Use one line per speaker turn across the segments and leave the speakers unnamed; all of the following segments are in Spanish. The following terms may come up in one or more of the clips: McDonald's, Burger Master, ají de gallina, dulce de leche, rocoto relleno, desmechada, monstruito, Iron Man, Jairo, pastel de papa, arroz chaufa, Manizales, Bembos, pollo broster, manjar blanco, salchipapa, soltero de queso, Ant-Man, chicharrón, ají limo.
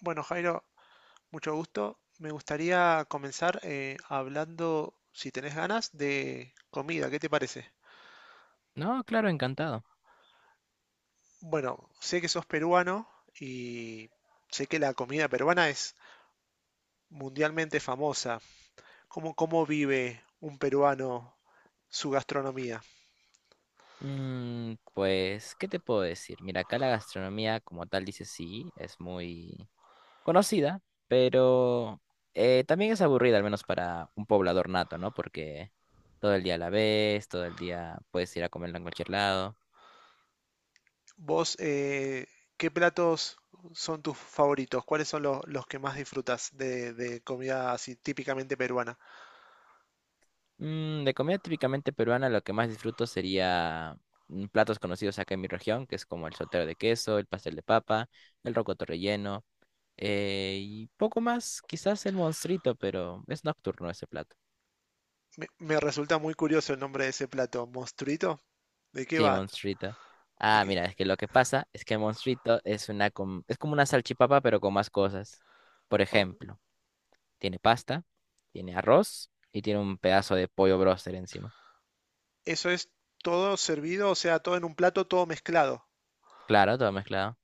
Bueno, Jairo, mucho gusto. Me gustaría comenzar hablando, si tenés ganas, de comida. ¿Qué te parece?
No, claro, encantado.
Bueno, sé que sos peruano y sé que la comida peruana es mundialmente famosa. ¿Cómo vive un peruano su gastronomía?
Pues, ¿qué te puedo decir? Mira, acá la gastronomía, como tal, dice sí, es muy conocida, pero también es aburrida, al menos para un poblador nato, ¿no? Porque todo el día la ves, todo el día puedes ir a comerla en cualquier lado.
¿Vos qué platos son tus favoritos? ¿Cuáles son los que más disfrutas de comida así típicamente peruana?
De comida típicamente peruana, lo que más disfruto sería platos conocidos acá en mi región, que es como el soltero de queso, el pastel de papa, el rocoto relleno. Y poco más, quizás el monstruito, pero es nocturno ese plato.
Me resulta muy curioso el nombre de ese plato, monstruito. ¿De qué
Sí,
va?
monstruito.
de
Ah,
que-
mira, es que lo que pasa es que monstruito es es como una salchipapa, pero con más cosas. Por
o-
ejemplo, tiene pasta, tiene arroz y tiene un pedazo de pollo broster encima.
Eso es todo servido, o sea, todo en un plato, todo mezclado.
Claro, todo mezclado.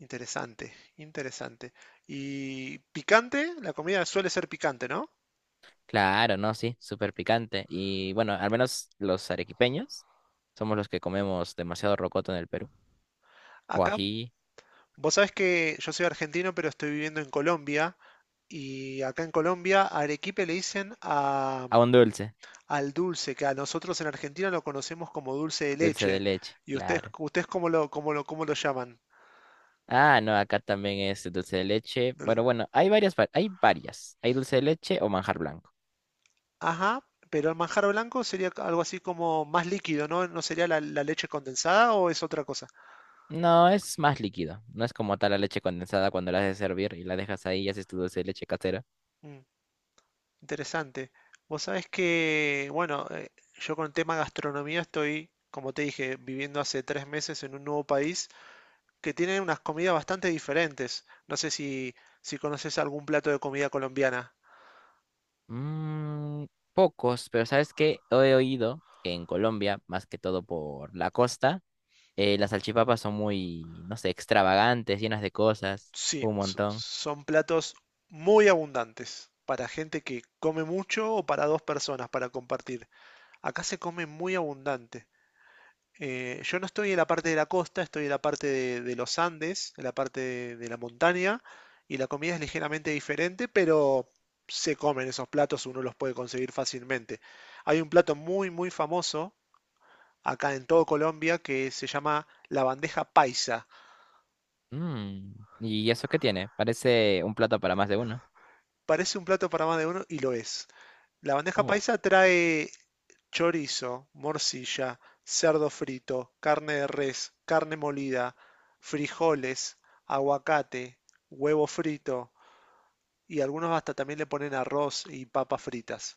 Interesante, interesante. Y picante, la comida suele ser picante, ¿no?
Claro, no, sí, súper picante. Y bueno, al menos los arequipeños somos los que comemos demasiado rocoto en el Perú. O
Acá,
ají,
vos sabés que yo soy argentino, pero estoy viviendo en Colombia. Y acá en Colombia, arequipe le dicen a,
ah, un dulce,
al dulce, que a nosotros en Argentina lo conocemos como dulce de
dulce de
leche.
leche,
¿Y ustedes,
claro.
ustedes cómo lo llaman?
Ah, no, acá también es dulce de leche. Bueno, bueno, hay varias, hay varias. Hay dulce de leche o manjar blanco.
Ajá, pero el manjar blanco sería algo así como más líquido, ¿no? ¿No sería la leche condensada o es otra cosa?
No, es más líquido. No es como tal la leche condensada cuando la haces hervir y la dejas ahí y haces tu dulce de leche casera.
Mm, interesante. Vos sabés que, bueno, yo con el tema gastronomía estoy, como te dije, viviendo hace tres meses en un nuevo país que tiene unas comidas bastante diferentes. No sé si, si conoces algún plato de comida colombiana.
Mm, Pocos, pero ¿sabes qué? He oído que en Colombia, más que todo por la costa, las salchipapas son muy, no sé, extravagantes, llenas de cosas,
Sí,
un montón.
son platos muy abundantes para gente que come mucho o para dos personas para compartir. Acá se come muy abundante. Yo no estoy en la parte de la costa, estoy en la parte de los Andes, en la parte de la montaña, y la comida es ligeramente diferente, pero se comen esos platos, uno los puede conseguir fácilmente. Hay un plato muy famoso acá en todo Colombia que se llama la bandeja paisa.
Mm, ¿y eso qué tiene? Parece un plato para más de uno.
Parece un plato para más de uno y lo es. La bandeja
Oh.
paisa trae chorizo, morcilla, cerdo frito, carne de res, carne molida, frijoles, aguacate, huevo frito y algunos hasta también le ponen arroz y papas fritas.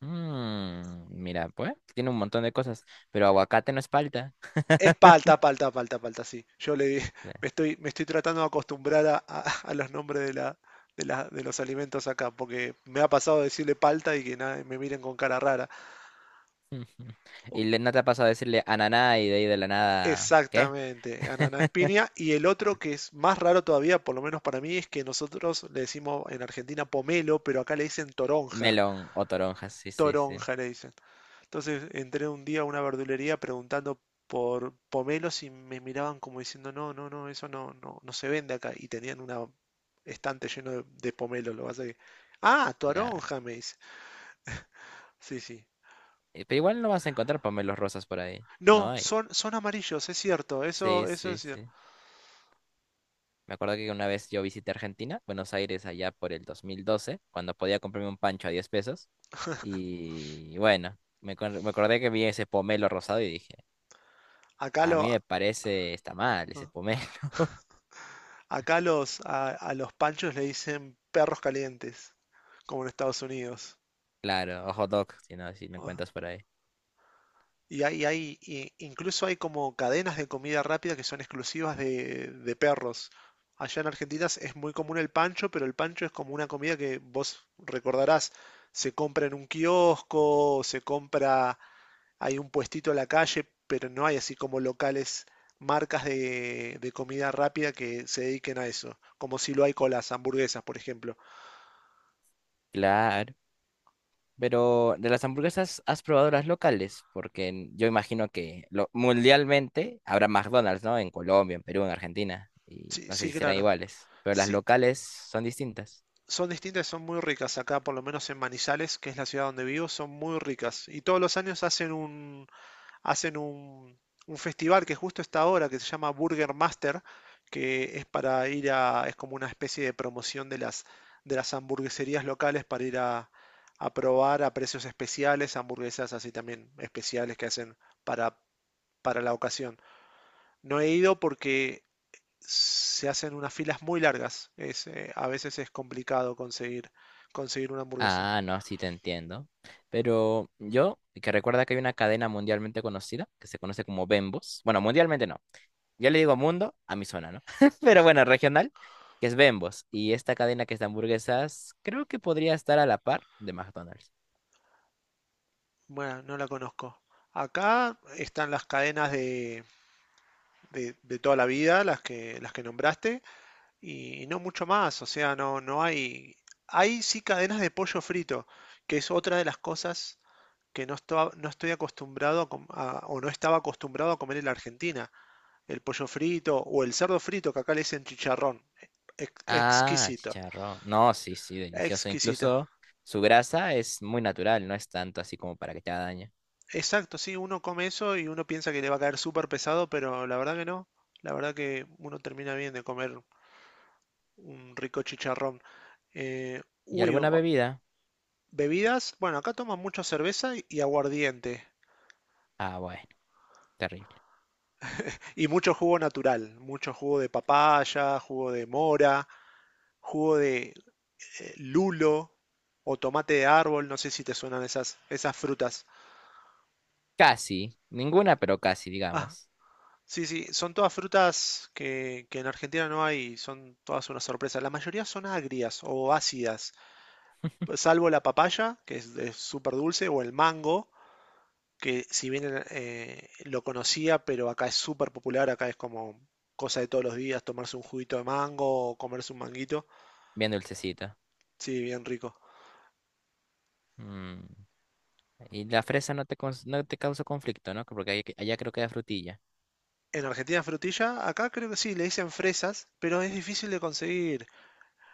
Mm, mira, pues, tiene un montón de cosas, pero aguacate no es palta.
Es palta, sí. Yo le
Claro.
me estoy tratando de acostumbrar a, a los nombres de los alimentos acá, porque me ha pasado de decirle palta y que nada, me miren con cara rara.
¿No te ha pasado a decirle ananá y de ahí de la nada, qué?
Exactamente, ananá es piña. Y el otro que es más raro todavía, por lo menos para mí, es que nosotros le decimos en Argentina pomelo, pero acá le dicen toronja.
Melón o toronjas, sí, sí, sí.
Toronja le dicen. Entonces entré un día a una verdulería preguntando por pomelos y me miraban como diciendo, no, no, no, eso no, no, no se vende acá. Y tenían una estante lleno de pomelos, lo que pasa que- Ah,
Claro.
toronja, me dice. Sí, sí.
Pero igual no vas a encontrar pomelos rosas por ahí. No
No,
hay.
son amarillos, es cierto,
Sí,
eso
sí,
es cierto.
sí. Me acuerdo que una vez yo visité Argentina, Buenos Aires, allá por el 2012, cuando podía comprarme un pancho a 10 pesos. Y bueno, me acordé que vi ese pomelo rosado y dije,
Acá
a
lo...
mí me parece, está mal ese
ah,
pomelo.
Acá los, a los panchos le dicen perros calientes, como en Estados Unidos.
Claro, o hot dog, si no, si me
Ajá.
encuentras por ahí.
Y y incluso hay como cadenas de comida rápida que son exclusivas de perros. Allá en Argentina es muy común el pancho, pero el pancho es como una comida que vos recordarás, se compra en un kiosco, se compra, hay un puestito en la calle, pero no hay así como locales, marcas de comida rápida que se dediquen a eso, como si lo hay con las hamburguesas, por ejemplo.
Claro. Pero de las hamburguesas, ¿has probado las locales? Porque yo imagino que mundialmente habrá McDonald's, ¿no? En Colombia, en Perú, en Argentina. Y
Sí,
no sé
sí,
si serán
claro.
iguales. Pero las
Sí,
locales son distintas.
son distintas, y son muy ricas. Acá, por lo menos en Manizales, que es la ciudad donde vivo, son muy ricas. Y todos los años hacen un, un festival que justo está ahora, que se llama Burger Master, que es para ir a, es como una especie de promoción de las hamburgueserías locales para ir a probar a precios especiales, hamburguesas así también especiales que hacen para, para la ocasión. No he ido porque se hacen unas filas muy largas. Es, a veces es complicado conseguir, conseguir una hamburguesa.
Ah, no, sí te entiendo. Pero yo, que recuerda que hay una cadena mundialmente conocida que se conoce como Bembos. Bueno, mundialmente no. Yo le digo mundo a mi zona, ¿no? Pero bueno, regional, que es Bembos. Y esta cadena que es de hamburguesas, creo que podría estar a la par de McDonald's.
Bueno, no la conozco. Acá están las cadenas de toda la vida, las que nombraste, y no mucho más. O sea, no, no hay. Hay sí cadenas de pollo frito, que es otra de las cosas que no, no estoy acostumbrado a o no estaba acostumbrado a comer en la Argentina. El pollo frito o el cerdo frito, que acá le dicen chicharrón.
Ah,
Exquisito,
chicharrón. No, sí, sí, delicioso.
exquisito.
Incluso su grasa es muy natural, no es tanto así como para que te haga daño.
Exacto, sí, uno come eso y uno piensa que le va a caer súper pesado, pero la verdad que no. La verdad que uno termina bien de comer un rico chicharrón.
¿Y
Uy,
alguna
o-
bebida?
bebidas. Bueno, acá toman mucho cerveza y aguardiente.
Ah, bueno, terrible.
Y mucho jugo natural. Mucho jugo de papaya, jugo de mora, jugo de lulo o tomate de árbol. No sé si te suenan esas frutas.
Casi, ninguna, pero casi, digamos.
Sí, sí, son todas frutas que en Argentina no hay, son todas una sorpresa. La mayoría son agrias o ácidas, salvo la papaya, que es de- súper dulce, o el mango, que si bien lo conocía, pero acá es súper popular, acá es como cosa de todos los días, tomarse un juguito de mango o comerse un manguito.
Bien dulcecito.
Sí, bien rico.
Mm. Y la fresa no te causa conflicto, ¿no? Porque allá creo que hay frutilla.
En Argentina frutilla, acá creo que sí, le dicen fresas, pero es difícil de conseguir.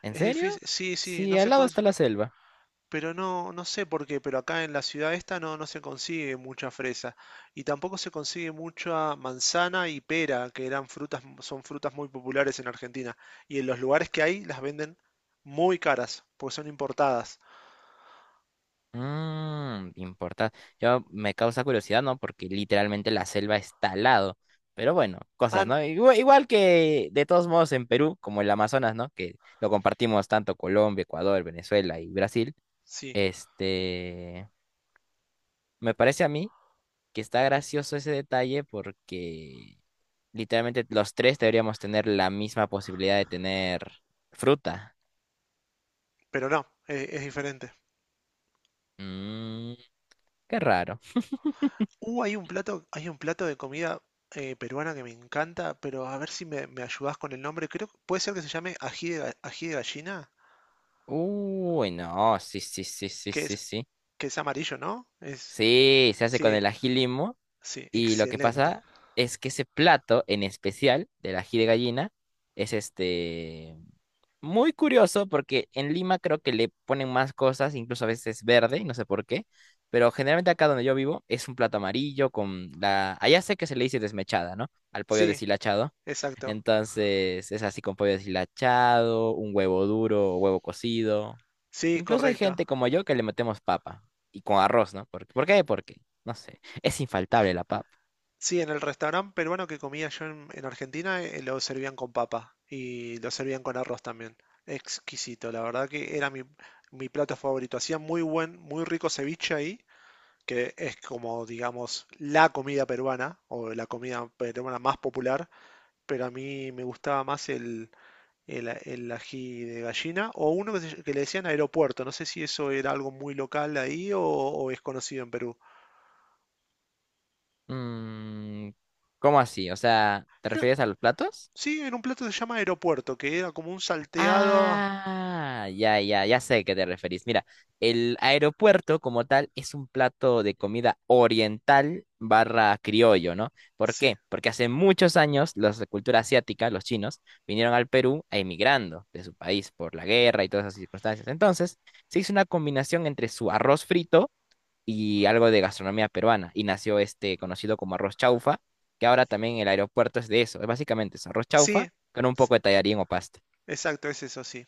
¿En
Es difícil,
serio?
sí, sí,
Sí,
no
al
se,
lado
cons-
está la selva.
Pero no, no sé por qué, pero acá en la ciudad esta no, no se consigue mucha fresa. Y tampoco se consigue mucha manzana y pera, que eran frutas, son frutas muy populares en Argentina. Y en los lugares que hay las venden muy caras, porque son importadas.
Mmm, importa. Yo me causa curiosidad, ¿no? Porque literalmente la selva está al lado. Pero bueno,
Ah,
cosas,
no,
¿no? Igual, que de todos modos en Perú, como el Amazonas, ¿no? Que lo compartimos tanto Colombia, Ecuador, Venezuela y Brasil.
sí,
Este, me parece a mí que está gracioso ese detalle porque literalmente los tres deberíamos tener la misma posibilidad de tener fruta.
pero no, es diferente.
Mmm, qué raro.
Hay un plato de comida peruana que me encanta, pero a ver si me ayudás con el nombre. Creo que puede ser que se llame ají de, ají de gallina,
Uy, no, sí, sí, sí, sí,
que
sí,
es,
sí.
que es amarillo, ¿no? Es,
Sí, se hace con
sí,
el ají limo
sí,
y lo que
excelente.
pasa es que ese plato en especial del ají de gallina es este muy curioso porque en Lima creo que le ponen más cosas, incluso a veces verde, y no sé por qué, pero generalmente acá donde yo vivo es un plato amarillo con la... Allá sé que se le dice desmechada, ¿no? Al pollo
Sí,
deshilachado.
exacto.
Entonces es así con pollo deshilachado, un huevo duro, huevo cocido.
Sí,
Incluso hay
correcto.
gente como yo que le metemos papa y con arroz, ¿no? ¿Por qué? Porque, no sé, es infaltable la papa.
Sí, en el restaurante peruano que comía yo en Argentina lo servían con papa y lo servían con arroz también. Exquisito, la verdad que era mi plato favorito. Hacían muy muy rico ceviche ahí, que es como, digamos, la comida peruana o la comida peruana más popular, pero a mí me gustaba más el ají de gallina, o uno que, que le decían aeropuerto, no sé si eso era algo muy local ahí o es conocido en Perú.
Mm, ¿cómo así? O sea, ¿te
Era-
refieres a los platos?
sí, en un plato que se llama aeropuerto, que era como un salteado.
Ah, ya, ya, ya sé a qué te referís. Mira, el aeropuerto como tal es un plato de comida oriental barra criollo, ¿no? ¿Por
Sí,
qué? Porque hace muchos años los de cultura asiática, los chinos, vinieron al Perú emigrando de su país por la guerra y todas esas circunstancias. Entonces, se hizo una combinación entre su arroz frito y algo de gastronomía peruana y nació este conocido como arroz chaufa, que ahora también el aeropuerto es de eso. Es básicamente es arroz
sí,
chaufa con un
s-
poco de tallarín o pasta.
exacto, es eso, sí.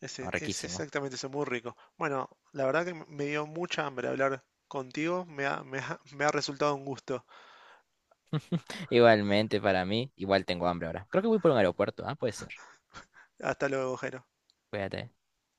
Es,
¿No?
es
Riquísimo.
exactamente eso, muy rico. Bueno, la verdad que me dio mucha hambre hablar contigo, me ha resultado un gusto.
Igualmente para mí, igual tengo hambre ahora. Creo que voy por un aeropuerto. Ah, puede ser.
Hasta luego, Jero.
Cuídate.